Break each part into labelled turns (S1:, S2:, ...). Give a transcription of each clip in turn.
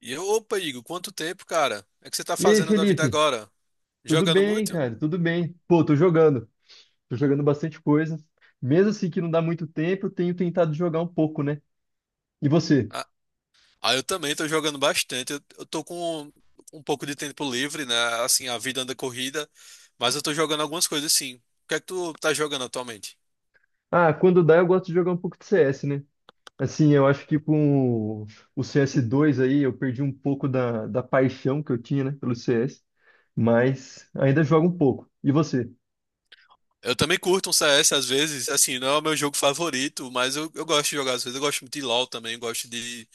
S1: E eu, opa, Igor, quanto tempo, cara? É que você tá
S2: E aí,
S1: fazendo da vida
S2: Felipe?
S1: agora?
S2: Tudo
S1: Jogando
S2: bem,
S1: muito?
S2: cara? Tudo bem. Pô, tô jogando. Tô jogando bastante coisa. Mesmo assim que não dá muito tempo, eu tenho tentado jogar um pouco, né? E você?
S1: Ah, ah, eu também tô jogando bastante. Eu tô com um pouco de tempo livre, né? Assim, a vida anda corrida, mas eu tô jogando algumas coisas sim. O que é que tu tá jogando atualmente?
S2: Ah, quando dá, eu gosto de jogar um pouco de CS, né? Assim, eu acho que com o cs dois aí, eu perdi um pouco da paixão que eu tinha, né, pelo CS. Mas ainda jogo um pouco. E você?
S1: Eu também curto um CS às vezes, assim, não é o meu jogo favorito, mas eu gosto de jogar às vezes. Eu gosto muito de LoL também, gosto de,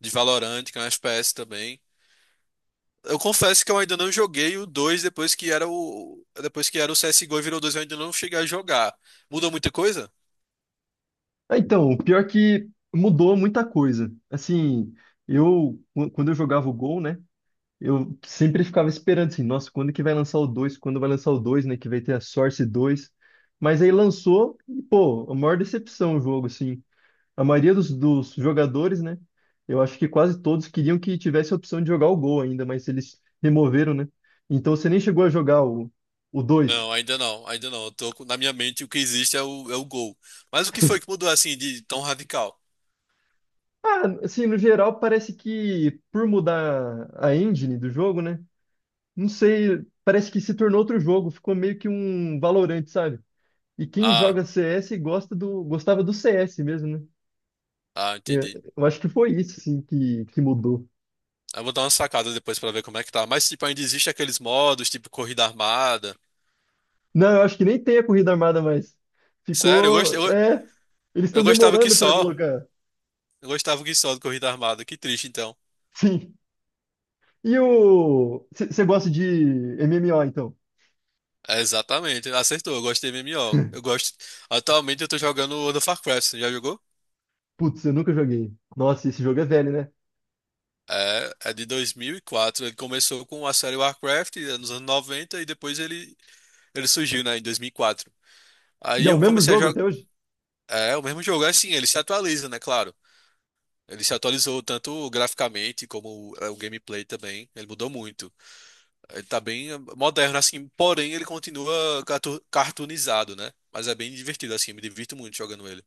S1: de Valorant, que é um FPS também. Eu confesso que eu ainda não joguei o dois. Depois que era o CS:GO e virou dois, eu ainda não cheguei a jogar. Mudou muita coisa?
S2: Ah, então, o pior é que mudou muita coisa. Assim, quando eu jogava o Gol, né? Eu sempre ficava esperando assim, nossa, quando que vai lançar o dois. Quando vai lançar o dois, né? Que vai ter a Source dois. Mas aí lançou e, pô, a maior decepção o jogo, assim. A maioria dos jogadores, né? Eu acho que quase todos queriam que tivesse a opção de jogar o Gol ainda, mas eles removeram, né? Então você nem chegou a jogar o dois.
S1: Não, ainda não, ainda não. Eu na minha mente o que existe é o gol. Mas o que foi que mudou assim de tão radical?
S2: Ah, assim, no geral, parece que por mudar a engine do jogo, né? Não sei, parece que se tornou outro jogo, ficou meio que um Valorant, sabe? E quem
S1: Ah,
S2: joga CS gostava do CS mesmo, né?
S1: ah,
S2: Eu,
S1: entendi.
S2: eu acho que foi isso, assim, que mudou.
S1: Eu vou dar uma sacada depois pra ver como é que tá. Mas tipo, ainda existe aqueles modos, tipo corrida armada.
S2: Não, eu acho que nem tem a corrida armada mais.
S1: Sério,
S2: Ficou. É. Eles
S1: eu
S2: estão
S1: gostava que
S2: demorando para
S1: só.
S2: colocar.
S1: Eu gostava que só de corrida armada. Que triste então.
S2: Sim. E o. Você gosta de MMO, então?
S1: É, exatamente, acertou. Eu gosto de MMO. Eu gosto. Atualmente eu tô jogando World of Warcraft. Você já jogou?
S2: Putz, eu nunca joguei. Nossa, esse jogo é velho, né?
S1: É, é de 2004. Ele começou com a série Warcraft, nos anos 90, e depois ele surgiu, né, em 2004.
S2: E
S1: Aí
S2: é o
S1: eu
S2: mesmo
S1: comecei a
S2: jogo
S1: jogar.
S2: até hoje?
S1: É, o mesmo jogo, é assim, ele se atualiza, né, claro. Ele se atualizou tanto graficamente como o gameplay também. Ele mudou muito. Ele tá bem moderno, assim, porém ele continua cartoonizado, né? Mas é bem divertido, assim, me divirto muito jogando ele.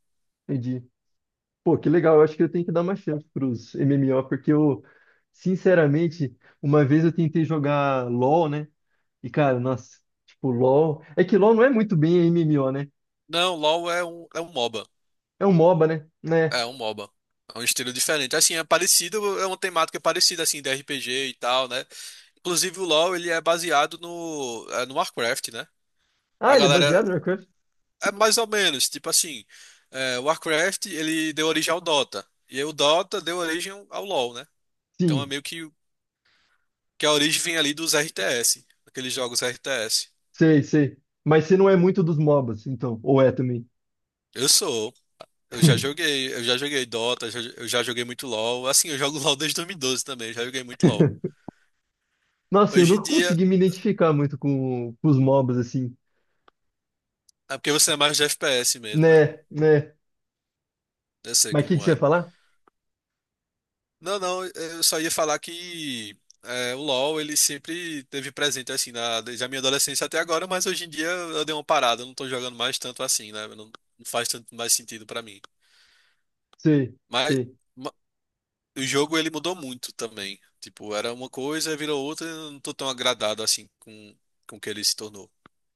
S2: Entendi. Pô, que legal. Eu acho que eu tenho que dar uma chance pros MMO, porque eu, sinceramente, uma vez eu tentei jogar LoL, né? E, cara, nossa, tipo, LoL. É que LoL não é muito bem MMO, né?
S1: Não, LoL é um MOBA.
S2: É um MOBA, né? Né?
S1: É um MOBA. É um estilo diferente. Assim, é parecido, é uma temática parecida, assim, de RPG e tal, né? Inclusive o LoL, ele é baseado no Warcraft, né? A
S2: Ah, ele é
S1: galera,
S2: baseado no Warcraft?
S1: é mais ou menos, tipo assim, o Warcraft, ele deu origem ao Dota. E aí o Dota deu origem ao LoL, né? Então é
S2: Sim,
S1: meio que a origem vem ali dos RTS, aqueles jogos RTS.
S2: sei, sei. Mas você não é muito dos MOBAs, então. Ou é também.
S1: Eu sou, eu já joguei Dota, eu já joguei muito LoL. Assim, eu jogo LoL desde 2012 também, já joguei muito LoL.
S2: Nossa, eu
S1: Hoje em
S2: nunca
S1: dia.
S2: consegui me identificar muito com os MOBAs, assim.
S1: É porque você é mais de FPS mesmo, né?
S2: Né, né.
S1: Eu sei
S2: Mas o que que
S1: como
S2: você ia
S1: é.
S2: falar?
S1: Não, não, eu só ia falar que o LoL ele sempre teve presente assim, desde a minha adolescência até agora, mas hoje em dia eu dei uma parada, eu não tô jogando mais tanto assim, né? Não, não faz tanto mais sentido pra mim.
S2: Sei,
S1: Mas
S2: sei.
S1: ma- o jogo ele mudou muito também. Tipo, era uma coisa, virou outra, e eu não tô tão agradado assim com o que ele se tornou.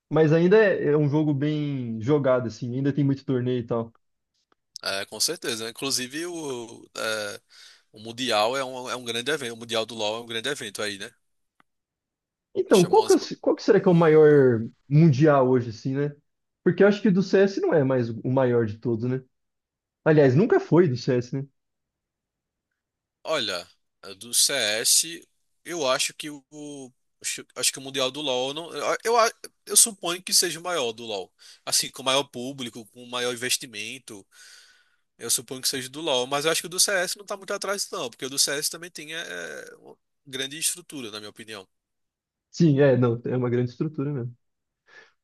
S2: Mas ainda é um jogo bem jogado, assim, ainda tem muito torneio e tal.
S1: É, com certeza, né? Inclusive o Mundial é um grande evento, o Mundial do LoL é um grande evento aí, né?
S2: Então,
S1: Chamou umas.
S2: qual que será que é o maior mundial hoje, assim, né? Porque eu acho que do CS não é mais o maior de todos, né? Aliás, nunca foi do CS, né?
S1: Olha, do CS, eu acho que o. Acho que o Mundial do LoL. Não, eu suponho que seja o maior do LoL. Assim, com maior público, com maior investimento. Eu suponho que seja do LoL. Mas eu acho que o do CS não tá muito atrás, não. Porque o do CS também tem. É uma grande estrutura, na minha opinião.
S2: Sim, é, não, é uma grande estrutura mesmo.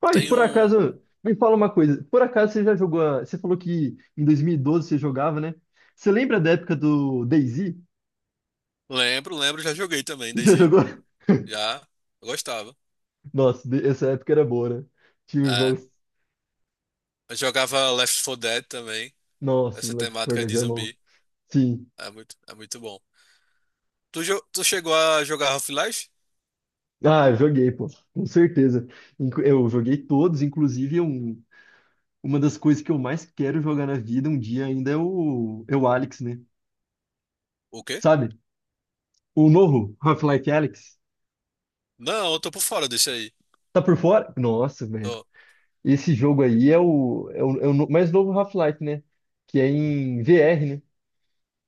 S2: Ah, e
S1: Tem
S2: por
S1: um.
S2: acaso, me fala uma coisa, por acaso você já jogou, você falou que em 2012 você jogava, né? Você lembra da época do DayZ?
S1: Lembro, lembro, já joguei também,
S2: Já
S1: DayZ.
S2: jogou?
S1: Já. Eu gostava.
S2: Nossa, essa época era boa, né? Tinha os
S1: É.
S2: jogos,
S1: Eu jogava Left 4 Dead também.
S2: nossa,
S1: Essa
S2: Left 4
S1: temática
S2: Dead
S1: de
S2: é bom.
S1: zumbi.
S2: Sim.
S1: É muito bom. Tu chegou a jogar Half-Life?
S2: Ah, eu joguei, pô, com certeza. Eu joguei todos, inclusive uma das coisas que eu mais quero jogar na vida um dia ainda é o Alex, né?
S1: O quê?
S2: Sabe? O novo Half-Life Alyx.
S1: Não, eu tô por fora desse aí.
S2: Tá por fora? Nossa, velho.
S1: Tô.
S2: Esse jogo aí é o mais novo Half-Life, né? Que é em VR, né?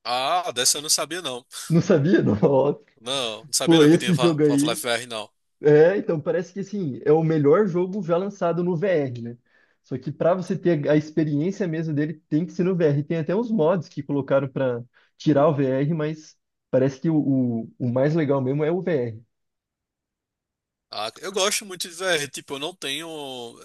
S1: Ah, dessa eu não sabia não.
S2: Não sabia? Nossa.
S1: Não, não sabia
S2: Pô,
S1: não que tinha
S2: esse jogo aí.
S1: Half-Life VR não.
S2: É, então parece que assim, é o melhor jogo já lançado no VR, né? Só que para você ter a experiência mesmo dele, tem que ser no VR. Tem até uns mods que colocaram para tirar o VR, mas parece que o mais legal mesmo é o VR.
S1: Ah, eu gosto muito de VR, tipo, eu não tenho,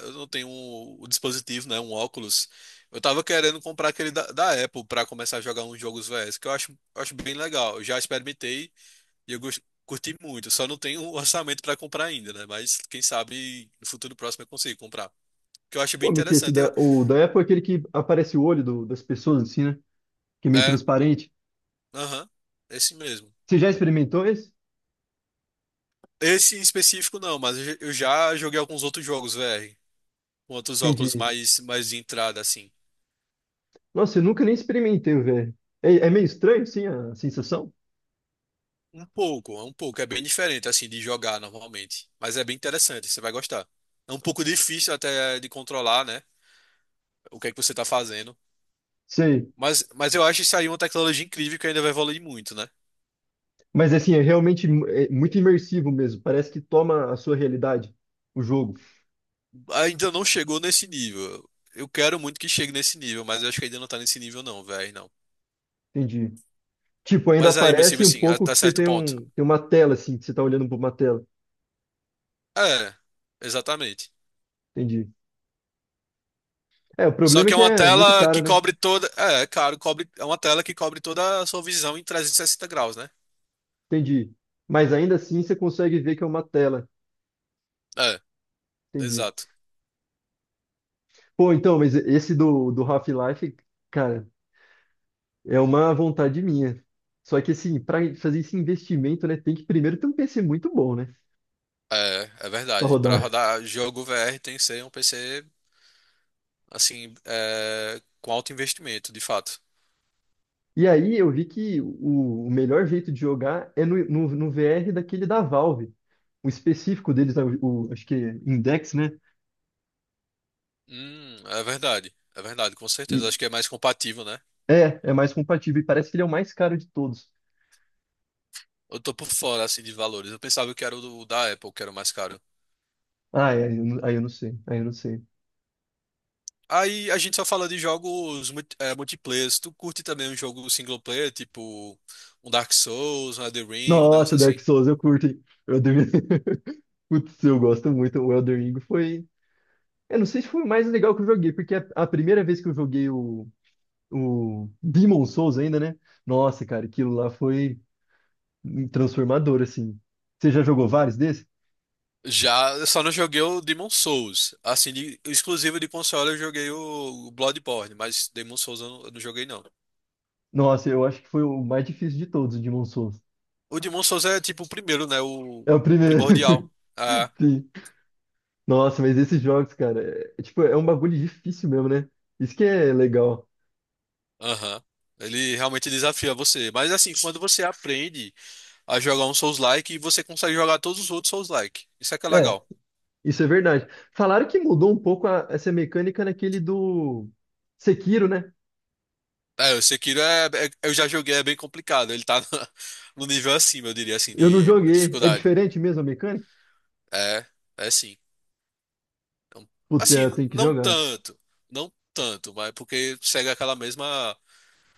S1: eu não tenho o dispositivo, né, um óculos. Eu tava querendo comprar aquele da Apple pra começar a jogar uns jogos VRs, que eu acho bem legal. Eu já experimentei e curti muito. Só não tenho o orçamento pra comprar ainda, né? Mas quem sabe no futuro próximo eu consigo comprar. Que eu acho bem
S2: Como é que é
S1: interessante. Eu,
S2: o da Apple é aquele que aparece o olho das pessoas, assim, né? Que é meio
S1: é.
S2: transparente.
S1: Aham, esse mesmo.
S2: Você já experimentou esse?
S1: Esse em específico não, mas eu já joguei alguns outros jogos VR, com outros óculos
S2: Entendi.
S1: mais de entrada, assim.
S2: Nossa, eu nunca nem experimentei o VR. É meio estranho, sim, a sensação?
S1: Um pouco, é bem diferente, assim, de jogar normalmente. Mas é bem interessante, você vai gostar. É um pouco difícil até de controlar, né? O que é que você tá fazendo.
S2: Sei.
S1: Mas eu acho isso aí uma tecnologia incrível que ainda vai evoluir muito, né?
S2: Mas assim, é muito imersivo mesmo. Parece que toma a sua realidade, o jogo.
S1: Ainda não chegou nesse nível. Eu quero muito que chegue nesse nível, mas eu acho que ainda não tá nesse nível não, velho, não.
S2: Entendi. Tipo, ainda
S1: Mas aí, mas tipo
S2: aparece um
S1: assim,
S2: pouco
S1: até
S2: que você
S1: certo ponto.
S2: tem uma tela, assim, que você tá olhando para uma tela.
S1: É, exatamente.
S2: Entendi. É, o
S1: Só
S2: problema é
S1: que é
S2: que
S1: uma
S2: é muito
S1: tela
S2: caro,
S1: que
S2: né?
S1: cobre toda. É, claro, cobre, é uma tela que cobre toda a sua visão em 360 graus, né?
S2: Entendi. Mas ainda assim você consegue ver que é uma tela.
S1: É,
S2: Entendi.
S1: exato.
S2: Pô, então, mas esse do Half-Life, cara, é uma vontade minha. Só que assim, para fazer esse investimento, né, tem que primeiro ter um PC muito bom, né?
S1: É, é
S2: Pra
S1: verdade. Para
S2: rodar.
S1: rodar jogo VR tem que ser um PC, assim, é, com alto investimento, de fato.
S2: E aí eu vi que o melhor jeito de jogar é no VR daquele da Valve. O específico deles, acho que é Index, né?
S1: É verdade. É verdade, com certeza.
S2: E
S1: Acho que é mais compatível, né?
S2: é mais compatível. E parece que ele é o mais caro de todos.
S1: Eu tô por fora, assim, de valores. Eu pensava que era o da Apple, que era o mais caro.
S2: Ah, é, não aí eu não sei, aí eu não sei.
S1: Aí a gente só fala de jogos multiplayer. Tu curte também um jogo single player, tipo um Dark Souls, um Elden Ring, um negócio
S2: Nossa, Dark
S1: assim?
S2: Souls, eu curto, hein? Eu devia- Putz, eu gosto muito. O Elden Ring foi. Eu não sei se foi o mais legal que eu joguei, porque a primeira vez que eu joguei o Demon Souls ainda, né? Nossa, cara, aquilo lá foi transformador, assim. Você já jogou vários desses?
S1: Já, eu só não joguei o Demon Souls. Assim, de, exclusivo de console eu joguei o Bloodborne, mas Demon Souls eu não joguei não.
S2: Nossa, eu acho que foi o mais difícil de todos, o Demon Souls.
S1: O Demon Souls é tipo o primeiro, né? O
S2: É o primeiro.
S1: primordial. Ah,
S2: Sim. Nossa, mas esses jogos, cara, é tipo, é um bagulho difícil mesmo, né? Isso que é legal.
S1: aham. Ele realmente desafia você. Mas assim, quando você aprende a jogar um Souls-like, você consegue jogar todos os outros Souls-like. Isso é que é
S2: É,
S1: legal.
S2: isso é verdade. Falaram que mudou um pouco essa mecânica naquele do Sekiro, né?
S1: É, o Sekiro é, eu já joguei, é bem complicado. Ele tá no, nível acima, eu diria assim,
S2: Eu não
S1: de
S2: joguei. É
S1: dificuldade.
S2: diferente mesmo a mecânica?
S1: É, é sim. Então,
S2: Putz, é,
S1: assim,
S2: eu tenho que
S1: não
S2: jogar.
S1: tanto, não tanto, mas porque segue aquela mesma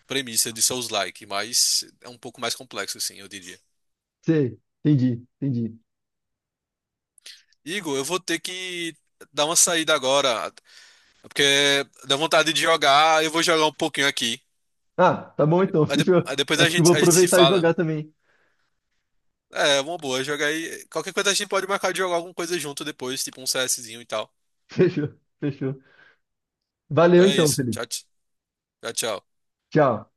S1: premissa de Souls-like, mas é um pouco mais complexo, assim, eu diria.
S2: Sei, entendi, entendi.
S1: Igor, eu vou ter que dar uma saída agora, porque dá vontade de jogar, eu vou jogar um pouquinho aqui.
S2: Ah, tá bom
S1: Aí de-
S2: então,
S1: aí de-
S2: fechou.
S1: aí depois a
S2: Acho que vou
S1: gente, a gente se
S2: aproveitar e
S1: fala.
S2: jogar também.
S1: É, uma boa, joga aí. Qualquer coisa a gente pode marcar de jogar alguma coisa junto depois, tipo um CSzinho e tal.
S2: Fechou, fechou. Valeu
S1: Então é
S2: então,
S1: isso.
S2: Felipe.
S1: Tchau, tchau, tchau.
S2: Tchau.